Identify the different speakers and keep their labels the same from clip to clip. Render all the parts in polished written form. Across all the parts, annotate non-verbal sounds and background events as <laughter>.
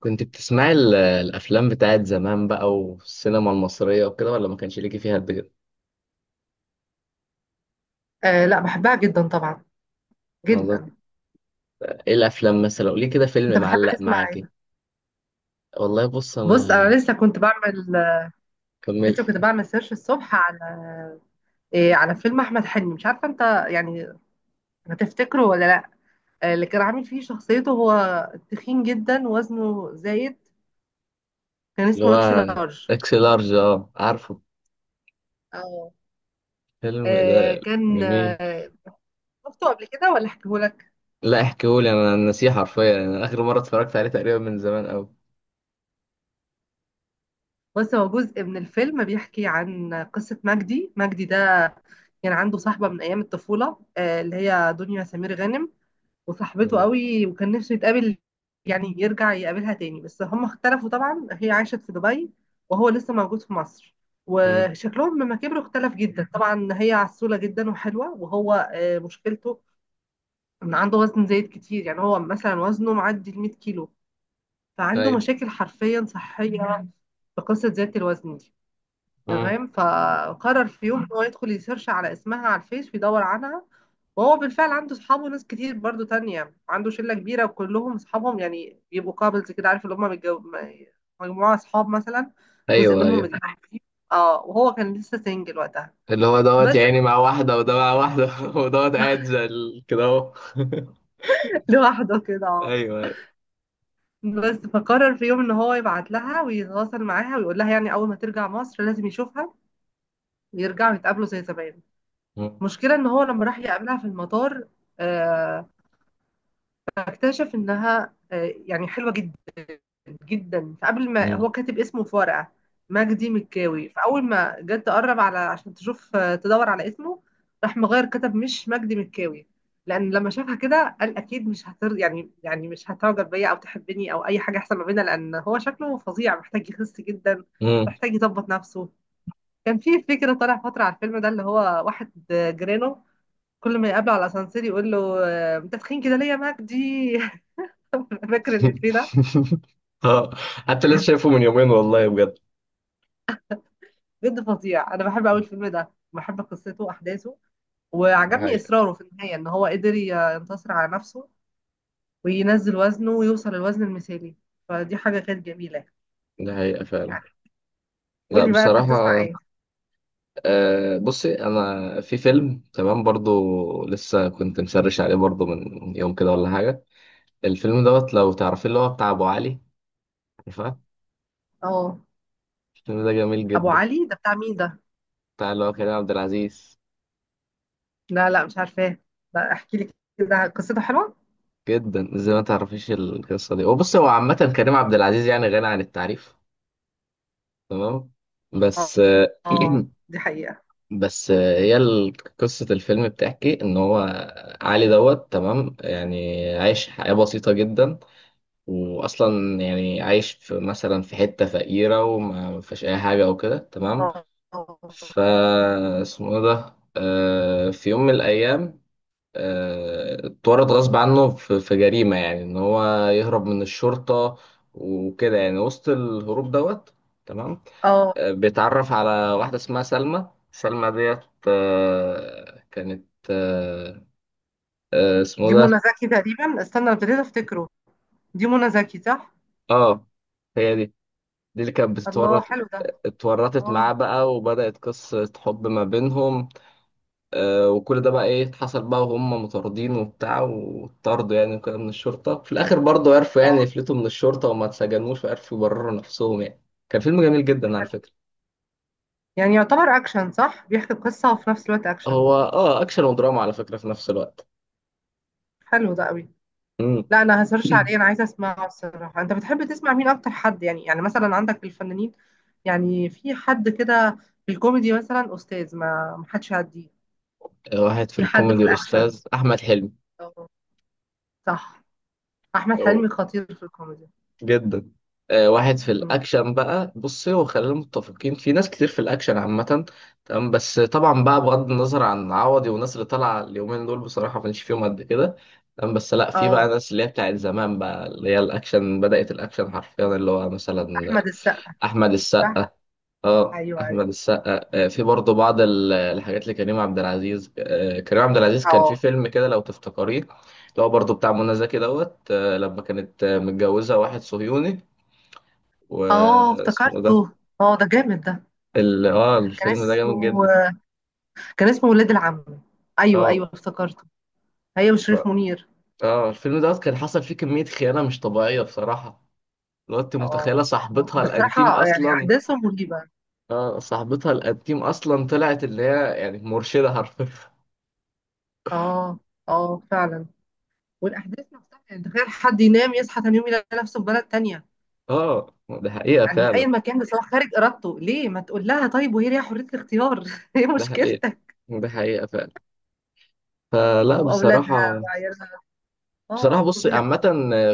Speaker 1: كنت بتسمعي الافلام بتاعت زمان بقى، والسينما المصريه وكده، ولا ما كانش ليكي فيها قد كده؟
Speaker 2: آه لا بحبها جدا طبعا،
Speaker 1: والله.
Speaker 2: جدا.
Speaker 1: ايه الافلام مثلا؟ قولي كده،
Speaker 2: انت
Speaker 1: فيلم
Speaker 2: بتحب
Speaker 1: معلق
Speaker 2: تسمع
Speaker 1: معاكي.
Speaker 2: ايه؟
Speaker 1: والله، بص
Speaker 2: بص
Speaker 1: انا
Speaker 2: انا لسه كنت بعمل لسه
Speaker 1: كملت.
Speaker 2: كنت بعمل سيرش الصبح على على فيلم احمد حلمي. مش عارفه انت، يعني، هتفتكره ولا لا؟ اللي كان عامل فيه شخصيته هو تخين جدا، وزنه زايد. كان
Speaker 1: اللي
Speaker 2: اسمه اكس
Speaker 1: هو
Speaker 2: لارج.
Speaker 1: اكس لارج، اه عارفه
Speaker 2: اه.
Speaker 1: الفيلم
Speaker 2: آه،
Speaker 1: ده،
Speaker 2: كان
Speaker 1: جميل.
Speaker 2: آه، شفته قبل كده ولا احكيهولك؟
Speaker 1: لا احكيهولي، انا نسيه حرفيا، انا اخر مره اتفرجت عليه تقريبا من زمان قوي.
Speaker 2: بص، هو جزء من الفيلم بيحكي عن قصه مجدي ده. كان عنده صاحبه من ايام الطفوله، اللي هي دنيا سمير غانم، وصاحبته
Speaker 1: مم.
Speaker 2: قوي، وكان نفسه يتقابل، يعني يرجع يقابلها تاني. بس هم اختلفوا طبعا، هي عاشت في دبي وهو لسه موجود في مصر.
Speaker 1: مم.
Speaker 2: وشكلهم لما كبروا اختلف جدا طبعا، هي عسولة جدا وحلوة، وهو مشكلته ان عنده وزن زايد كتير. يعني هو مثلا وزنه معدي ال 100 كيلو، فعنده
Speaker 1: ايوه.
Speaker 2: مشاكل حرفيا صحية في قصة زيادة الوزن دي.
Speaker 1: مم.
Speaker 2: تمام. فقرر في يوم ان هو يدخل يسيرش على اسمها على الفيس ويدور عنها. وهو بالفعل عنده اصحابه، ناس كتير برضو تانية، عنده شلة كبيرة وكلهم اصحابهم، يعني بيبقوا كابلز كده، عارف اللي هم مجموعة اصحاب مثلا، جزء
Speaker 1: ايوه
Speaker 2: منهم
Speaker 1: ايوه.
Speaker 2: متجوزين، اه، وهو كان لسه سنجل وقتها.
Speaker 1: اللي هو دوت
Speaker 2: بس
Speaker 1: يعني مع واحده، وده مع واحده <laughs> ودوت قاعد
Speaker 2: <laughs>
Speaker 1: زي كده، اهو <laughs>
Speaker 2: لوحده كده،
Speaker 1: ايوه
Speaker 2: اه.
Speaker 1: ايوه.
Speaker 2: بس فقرر في يوم ان هو يبعت لها ويتواصل معاها ويقول لها، يعني اول ما ترجع مصر لازم يشوفها، ويرجعوا يتقابلوا زي زمان. المشكله ان هو لما راح يقابلها في المطار، آه، اكتشف انها، يعني، حلوه جدا جدا. فقبل ما
Speaker 1: مم.
Speaker 2: هو كاتب اسمه في ورقه، مجدي مكاوي، فاول ما جت تقرب على عشان تشوف، تدور على اسمه، راح مغير كتب مش مجدي مكاوي. لان لما شافها كده قال اكيد مش هتر يعني يعني مش هتعجب بيا او تحبني او اي حاجه، احسن ما بينا، لان هو شكله فظيع محتاج يخس جدا،
Speaker 1: مم.
Speaker 2: محتاج يظبط نفسه. كان في فكره طالع فتره على الفيلم ده، اللي هو واحد جيرانه، كل ما يقابله على الاسانسير يقول له، انت تخين كده ليه يا مجدي. <laughs> فاكر الإفيه ده؟
Speaker 1: <laughs> اه، حتى لسه شايفه من يومين، والله بجد.
Speaker 2: بجد فظيع. انا بحب قوي الفيلم ده، بحب قصته واحداثه.
Speaker 1: دي
Speaker 2: وعجبني
Speaker 1: حقيقة.
Speaker 2: اصراره في النهايه ان هو قدر ينتصر على نفسه وينزل وزنه ويوصل للوزن المثالي. فدي حاجه كانت جميله
Speaker 1: دي حقيقة فعلا.
Speaker 2: يعني.
Speaker 1: لا
Speaker 2: قولي بقى، انت بتسمع
Speaker 1: بصراحة،
Speaker 2: ايه؟
Speaker 1: بصي، أنا في فيلم تمام برضو، لسه كنت مسرش عليه برضو من يوم كده ولا حاجة. الفيلم دوت لو تعرفين، اللي هو بتاع أبو علي، عارفاه.
Speaker 2: اه.
Speaker 1: الفيلم ده جميل
Speaker 2: ابو
Speaker 1: جدا،
Speaker 2: علي ده بتاع مين ده؟
Speaker 1: بتاع اللي هو كريم عبد العزيز.
Speaker 2: لا لا مش عارفاه. لا احكي لي كده، قصته حلوه.
Speaker 1: جدا، زي ما تعرفيش القصة دي. وبصي، هو عامة كريم عبد العزيز يعني غني عن التعريف، تمام.
Speaker 2: اه.
Speaker 1: بس <clears throat>
Speaker 2: دي حقيقه.
Speaker 1: بس هي قصة الفيلم بتحكي إن هو علي دوت، تمام، يعني عايش حياة بسيطة جدا، وأصلا يعني عايش في مثلا في حتة فقيرة، وما فيش أي حاجة أو كده، تمام.
Speaker 2: اه. اه.
Speaker 1: فا اسمه إيه ده، في يوم من الأيام اتورط غصب عنه في جريمة، يعني إن هو يهرب من الشرطة وكده، يعني وسط الهروب دوت، تمام.
Speaker 2: آه.
Speaker 1: بيتعرف على واحدة اسمها سلمى ديت، كانت اسمه
Speaker 2: دي
Speaker 1: ده.
Speaker 2: منى زكي تقريبا، استنى ابتديت افتكره. دي منى زكي، صح؟
Speaker 1: اه، هي دي اللي كانت
Speaker 2: الله،
Speaker 1: بتتورط.
Speaker 2: حلو ده.
Speaker 1: اتورطت معاه
Speaker 2: اه.
Speaker 1: بقى، وبدأت قصة حب ما بينهم. وكل ده بقى ايه حصل بقى، وهم مطاردين وبتاع وطردوا يعني، وكده من الشرطة. في الآخر برضه عرفوا يعني
Speaker 2: اه.
Speaker 1: يفلتوا من الشرطة، وما اتسجنوش، وعرفوا يبرروا نفسهم يعني. كان فيلم جميل جدا على فكرة.
Speaker 2: يعني يعتبر اكشن، صح؟ بيحكي قصة وفي نفس الوقت اكشن.
Speaker 1: هو أكشن ودراما على فكرة في نفس الوقت.
Speaker 2: حلو ده قوي.
Speaker 1: مم.
Speaker 2: لا انا هسيرش عليه،
Speaker 1: <clears throat>
Speaker 2: انا عايزة اسمعه الصراحة. انت بتحب تسمع مين اكتر؟ حد يعني، يعني مثلا، عندك في الفنانين، يعني في حد كده؟ في الكوميدي مثلا استاذ ما حدش يعديه.
Speaker 1: واحد في
Speaker 2: في حد في
Speaker 1: الكوميدي
Speaker 2: الاكشن؟
Speaker 1: أستاذ أحمد حلمي.
Speaker 2: اه. صح. احمد
Speaker 1: أو
Speaker 2: حلمي خطير في الكوميدي.
Speaker 1: جدا. واحد في
Speaker 2: مم.
Speaker 1: الأكشن بقى، بصي، وخلينا متفقين، في ناس كتير في الأكشن عامة، تمام. بس طبعا بقى، بغض النظر عن عوضي والناس اللي طالعة اليومين دول، بصراحة ما كانش فيهم قد كده. تمام. بس لا، في بقى
Speaker 2: اه.
Speaker 1: ناس اللي هي بتاعت زمان بقى، اللي هي الأكشن، بدأت الأكشن حرفيا، اللي هو مثلا
Speaker 2: احمد السقا.
Speaker 1: أحمد السقا.
Speaker 2: صح.
Speaker 1: اه،
Speaker 2: ايوه ايوه.
Speaker 1: احمد السقا، في برضه بعض الحاجات لكريم عبد العزيز. كريم عبد العزيز كان في
Speaker 2: اه.
Speaker 1: فيلم كده لو تفتكريه، اللي هو برضه بتاع منى زكي دوت، لما كانت متجوزه واحد صهيوني،
Speaker 2: اه
Speaker 1: واسمه إيه
Speaker 2: افتكرته.
Speaker 1: ده.
Speaker 2: اه ده جامد ده.
Speaker 1: ال... اه
Speaker 2: كان
Speaker 1: الفيلم ده جامد
Speaker 2: اسمه
Speaker 1: جدا.
Speaker 2: كان اسمه ولاد العم. ايوه
Speaker 1: اه،
Speaker 2: ايوه افتكرته. هي
Speaker 1: ف-
Speaker 2: وشريف منير.
Speaker 1: اه الفيلم دوت كان حصل فيه كميه خيانه مش طبيعيه بصراحه. لو انت متخيله،
Speaker 2: اه.
Speaker 1: صاحبتها الانتيم
Speaker 2: بصراحة يعني
Speaker 1: اصلا.
Speaker 2: أحداثه مرعبة.
Speaker 1: اه، صاحبتها الانتيم اصلا طلعت اللي هي يعني مرشده حرفيا.
Speaker 2: اه. اه فعلا. والأحداث نفسها يعني تخيل حد ينام يصحى تاني يوم يلاقي نفسه في بلد تانية،
Speaker 1: اه، ده حقيقه
Speaker 2: يعني
Speaker 1: فعلا.
Speaker 2: أي مكان، بس هو خارج إرادته. ليه ما تقول لها طيب وهي ليها حرية الاختيار؟ <laughs> ايه
Speaker 1: ده حقيقة.
Speaker 2: مشكلتك؟
Speaker 1: ده حقيقة فعلا. فلا
Speaker 2: وأولادها
Speaker 1: بصراحة،
Speaker 2: وعيالها. اه،
Speaker 1: بصراحة بص،
Speaker 2: فظيع.
Speaker 1: عامة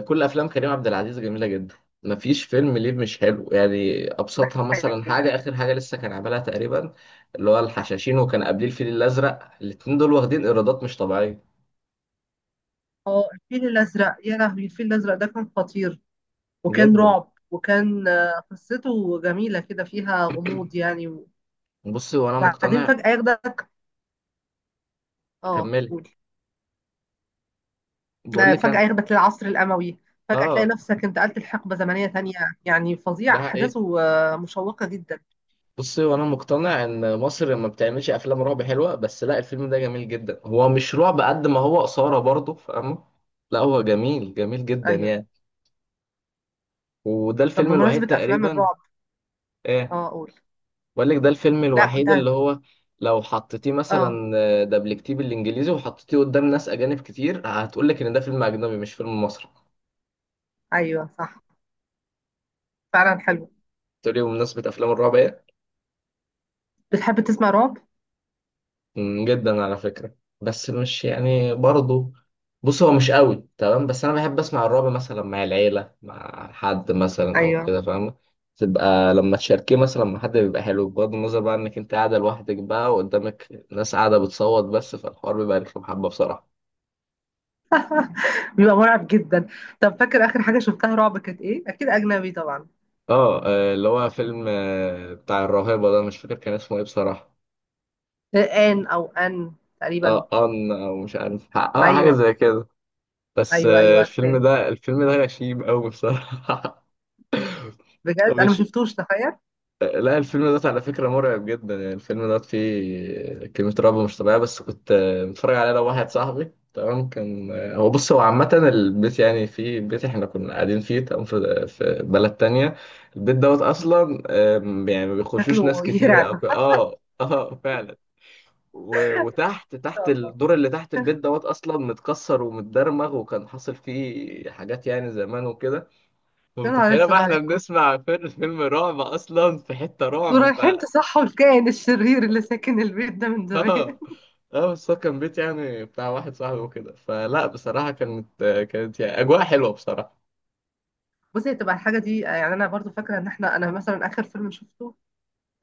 Speaker 1: كل أفلام كريم عبد العزيز جميلة جدا، مفيش فيلم ليه مش حلو، يعني
Speaker 2: ده
Speaker 1: أبسطها مثلا حاجة،
Speaker 2: حقيقة.
Speaker 1: آخر حاجة لسه كان عاملها تقريبا، اللي هو
Speaker 2: صح.
Speaker 1: الحشاشين، وكان قبليه الفيل الأزرق، الاتنين دول واخدين إيرادات مش طبيعية.
Speaker 2: اه الفيل الأزرق، يا لهوي، الفيل الأزرق ده كان خطير. وكان
Speaker 1: جدا.
Speaker 2: رعب، وكان قصته جميلة كده فيها غموض يعني.
Speaker 1: بص، وأنا
Speaker 2: وبعدين
Speaker 1: مقتنع،
Speaker 2: فجأة ياخدك. اه
Speaker 1: كمل.
Speaker 2: قول.
Speaker 1: بقول
Speaker 2: لا،
Speaker 1: لك
Speaker 2: فجأة
Speaker 1: أنا،
Speaker 2: ياخدك للعصر الأموي، فجأة تلاقي
Speaker 1: آه
Speaker 2: نفسك انتقلت لحقبة زمنية تانية. يعني
Speaker 1: ده
Speaker 2: فظيع
Speaker 1: حقيقة.
Speaker 2: أحداثه، مشوقة جدا.
Speaker 1: بصي، وانا مقتنع ان مصر ما بتعملش افلام رعب حلوه، بس لا، الفيلم ده جميل جدا، هو مش رعب قد ما هو اثاره، برضه فاهمه. لا، هو جميل، جميل جدا
Speaker 2: أيوه.
Speaker 1: يعني. وده
Speaker 2: طب
Speaker 1: الفيلم الوحيد
Speaker 2: بمناسبة أفلام
Speaker 1: تقريبا.
Speaker 2: الرعب.
Speaker 1: ايه،
Speaker 2: اه قول.
Speaker 1: بقول لك ده الفيلم
Speaker 2: لا كنت
Speaker 1: الوحيد،
Speaker 2: هت...
Speaker 1: اللي هو لو حطيتيه
Speaker 2: اه.
Speaker 1: مثلا، دبلجتيه بالانجليزي، وحطيتيه قدام ناس اجانب كتير، هتقول لك ان ده فيلم اجنبي مش فيلم مصري.
Speaker 2: أيوه صح. فعلا حلو.
Speaker 1: تقولي بمناسبه افلام الرعب إيه؟
Speaker 2: بتحب تسمع رعب؟
Speaker 1: مم، جدا على فكرة. بس مش يعني برضه، بص هو مش قوي، تمام، بس انا بحب اسمع الرعب مثلا مع العيلة، مع حد مثلا او
Speaker 2: أيوه.
Speaker 1: كده، فاهم؟ تبقى لما تشاركيه مثلا مع حد بيبقى حلو، بغض النظر بقى انك انت قاعدة لوحدك بقى، وقدامك ناس قاعدة بتصوت. بس فالحوار بيبقى رخم حبة بصراحة.
Speaker 2: بيبقى مرعب جدا. طب فاكر آخر حاجة شفتها رعب كانت إيه؟ أكيد أجنبي طبعا.
Speaker 1: اه، اللي هو فيلم بتاع الراهبة ده، مش فاكر كان اسمه ايه بصراحة.
Speaker 2: آن أو آن تقريبا.
Speaker 1: اه، ان او، مش عارف، اه حاجة
Speaker 2: أيوه.
Speaker 1: زي كده. بس
Speaker 2: أيوه أيوه
Speaker 1: الفيلم
Speaker 2: عارفاه.
Speaker 1: ده، الفيلم ده غشيم قوي بصراحة. <laughs>
Speaker 2: بجد أنا ما
Speaker 1: مش،
Speaker 2: شفتوش، تخيل.
Speaker 1: لا، الفيلم ده على فكرة مرعب جدا، يعني الفيلم ده فيه كمية رعب مش طبيعية. بس كنت متفرج عليه لو واحد صاحبي، تمام. كان هو، بص، هو عامة البيت، يعني في بيت احنا كنا قاعدين فيه، تمام، في بلد تانية. البيت دوت أصلا، يعني ما بيخشوش
Speaker 2: شكله
Speaker 1: ناس كتيرة
Speaker 2: يرعب
Speaker 1: أو
Speaker 2: إن
Speaker 1: فعلا. وتحت، تحت
Speaker 2: شاء الله.
Speaker 1: الدور اللي تحت البيت دوت، أصلا متكسر ومتدرمغ، وكان حاصل فيه حاجات يعني زمان وكده.
Speaker 2: يا نهار
Speaker 1: فمتخيلة بقى
Speaker 2: أسود
Speaker 1: احنا
Speaker 2: عليكم،
Speaker 1: بنسمع فيلم رعب، اصلا في حتة
Speaker 2: دول
Speaker 1: رعب.
Speaker 2: رايحين تصحوا الكائن الشرير اللي ساكن البيت ده من زمان.
Speaker 1: اه اه بس هو كان بيت يعني بتاع واحد صاحبي وكده، فلا بصراحة كانت، يعني أجواء حلوة بصراحة.
Speaker 2: <laughs> بصي، هتبقى الحاجه دي، يعني، انا برضو فاكره ان احنا، انا مثلا اخر فيلم شفته،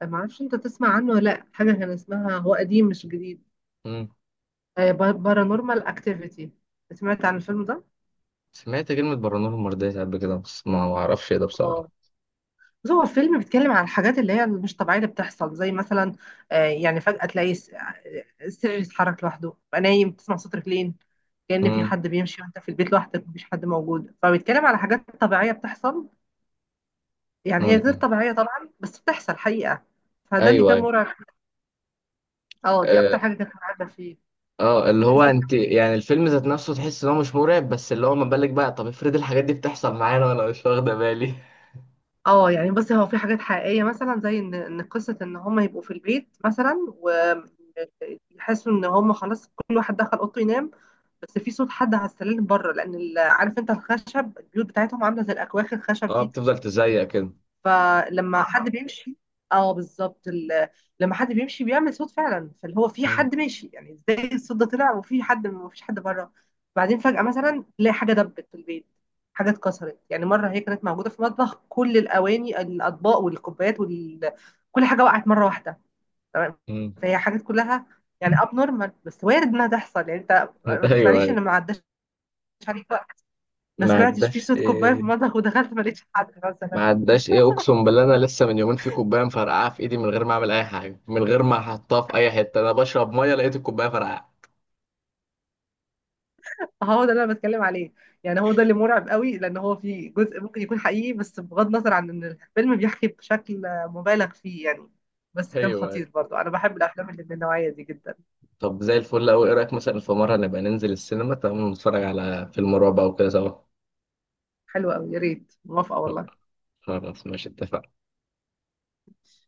Speaker 2: ما اعرفش انت تسمع عنه ولا لا، حاجه كان اسمها، هو قديم مش جديد،
Speaker 1: مم.
Speaker 2: بارانورمال اكتيفيتي. سمعت عن الفيلم ده؟
Speaker 1: سمعت كلمة برانور مرضية قبل كده، بس ما أعرفش إيه ده
Speaker 2: اه.
Speaker 1: بصراحة.
Speaker 2: بس هو فيلم بيتكلم عن الحاجات اللي هي مش طبيعيه اللي بتحصل. زي مثلا، يعني فجاه تلاقي السرير يتحرك لوحده، تبقى نايم تسمع صوت رجلين كأن في
Speaker 1: مم.
Speaker 2: حد بيمشي وانت في البيت لوحدك مفيش حد موجود. فبيتكلم على حاجات طبيعيه بتحصل، يعني هي غير
Speaker 1: مم.
Speaker 2: طبيعية طبعا بس بتحصل حقيقة. فده اللي
Speaker 1: أيوه
Speaker 2: كان
Speaker 1: أيوه.
Speaker 2: مرعب. اه دي
Speaker 1: آه،
Speaker 2: اكتر حاجة كانت مرعبة فيه.
Speaker 1: اللي هو،
Speaker 2: تحس،
Speaker 1: أنت يعني الفيلم ذات نفسه تحس إن هو مش مرعب، بس اللي هو ما بالك بقى؟ طب افرض الحاجات دي بتحصل معانا وأنا مش واخدة بالي <laughs>
Speaker 2: اه، يعني بصي، هو في حاجات حقيقية مثلا زي ان قصة ان هم يبقوا في البيت مثلا، ويحسوا ان هم خلاص كل واحد دخل اوضته ينام. بس في صوت حد على السلالم بره، لان عارف انت، الخشب، البيوت بتاعتهم عاملة زي الاكواخ الخشب
Speaker 1: اه
Speaker 2: دي.
Speaker 1: بتفضل تزيق كده.
Speaker 2: فلما حد بيمشي، اه بالظبط. لما حد بيمشي بيعمل صوت فعلا، فاللي هو في
Speaker 1: مم.
Speaker 2: حد ماشي. يعني ازاي الصوت ده طلع وفي حد ومفيش حد بره؟ بعدين فجأة مثلا تلاقي حاجة دبت في البيت، حاجة اتكسرت. يعني مرة هي كانت موجودة في المطبخ كل الأواني الأطباق والكوبايات كل حاجة وقعت مرة واحدة. تمام.
Speaker 1: مم.
Speaker 2: فهي حاجات كلها يعني اب نورمال، بس وارد انها تحصل. يعني انت
Speaker 1: <laughs>
Speaker 2: ما
Speaker 1: أيوه
Speaker 2: تقنعنيش ان
Speaker 1: أيوه.
Speaker 2: ما عداش عليك وقت ما
Speaker 1: ما
Speaker 2: سمعتش في
Speaker 1: عداش
Speaker 2: صوت كوبايه في
Speaker 1: آه،
Speaker 2: المطبخ ودخلت ما لقيتش حد مثلا.
Speaker 1: ما عداش ايه، اقسم بالله، انا لسه من يومين في كوبايه مفرقعه في ايدي، من غير ما اعمل اي حاجه، من غير ما احطها في اي حته، انا بشرب ميه لقيت الكوبايه فرقعه.
Speaker 2: هو ده اللي انا بتكلم عليه. يعني هو ده اللي مرعب قوي، لان هو في جزء ممكن يكون حقيقي، بس بغض النظر عن ان الفيلم بيحكي بشكل مبالغ فيه يعني. بس كان
Speaker 1: ايوه.
Speaker 2: خطير، برضو انا بحب الافلام اللي من النوعيه دي جدا.
Speaker 1: طب زي الفل قوي، ايه رايك مثلا في مره نبقى ننزل السينما، تمام، نتفرج على فيلم رعب او كده سوا؟
Speaker 2: حلوه قوي، يا ريت موافقه والله.
Speaker 1: خلاص، ماشي، اتفقنا.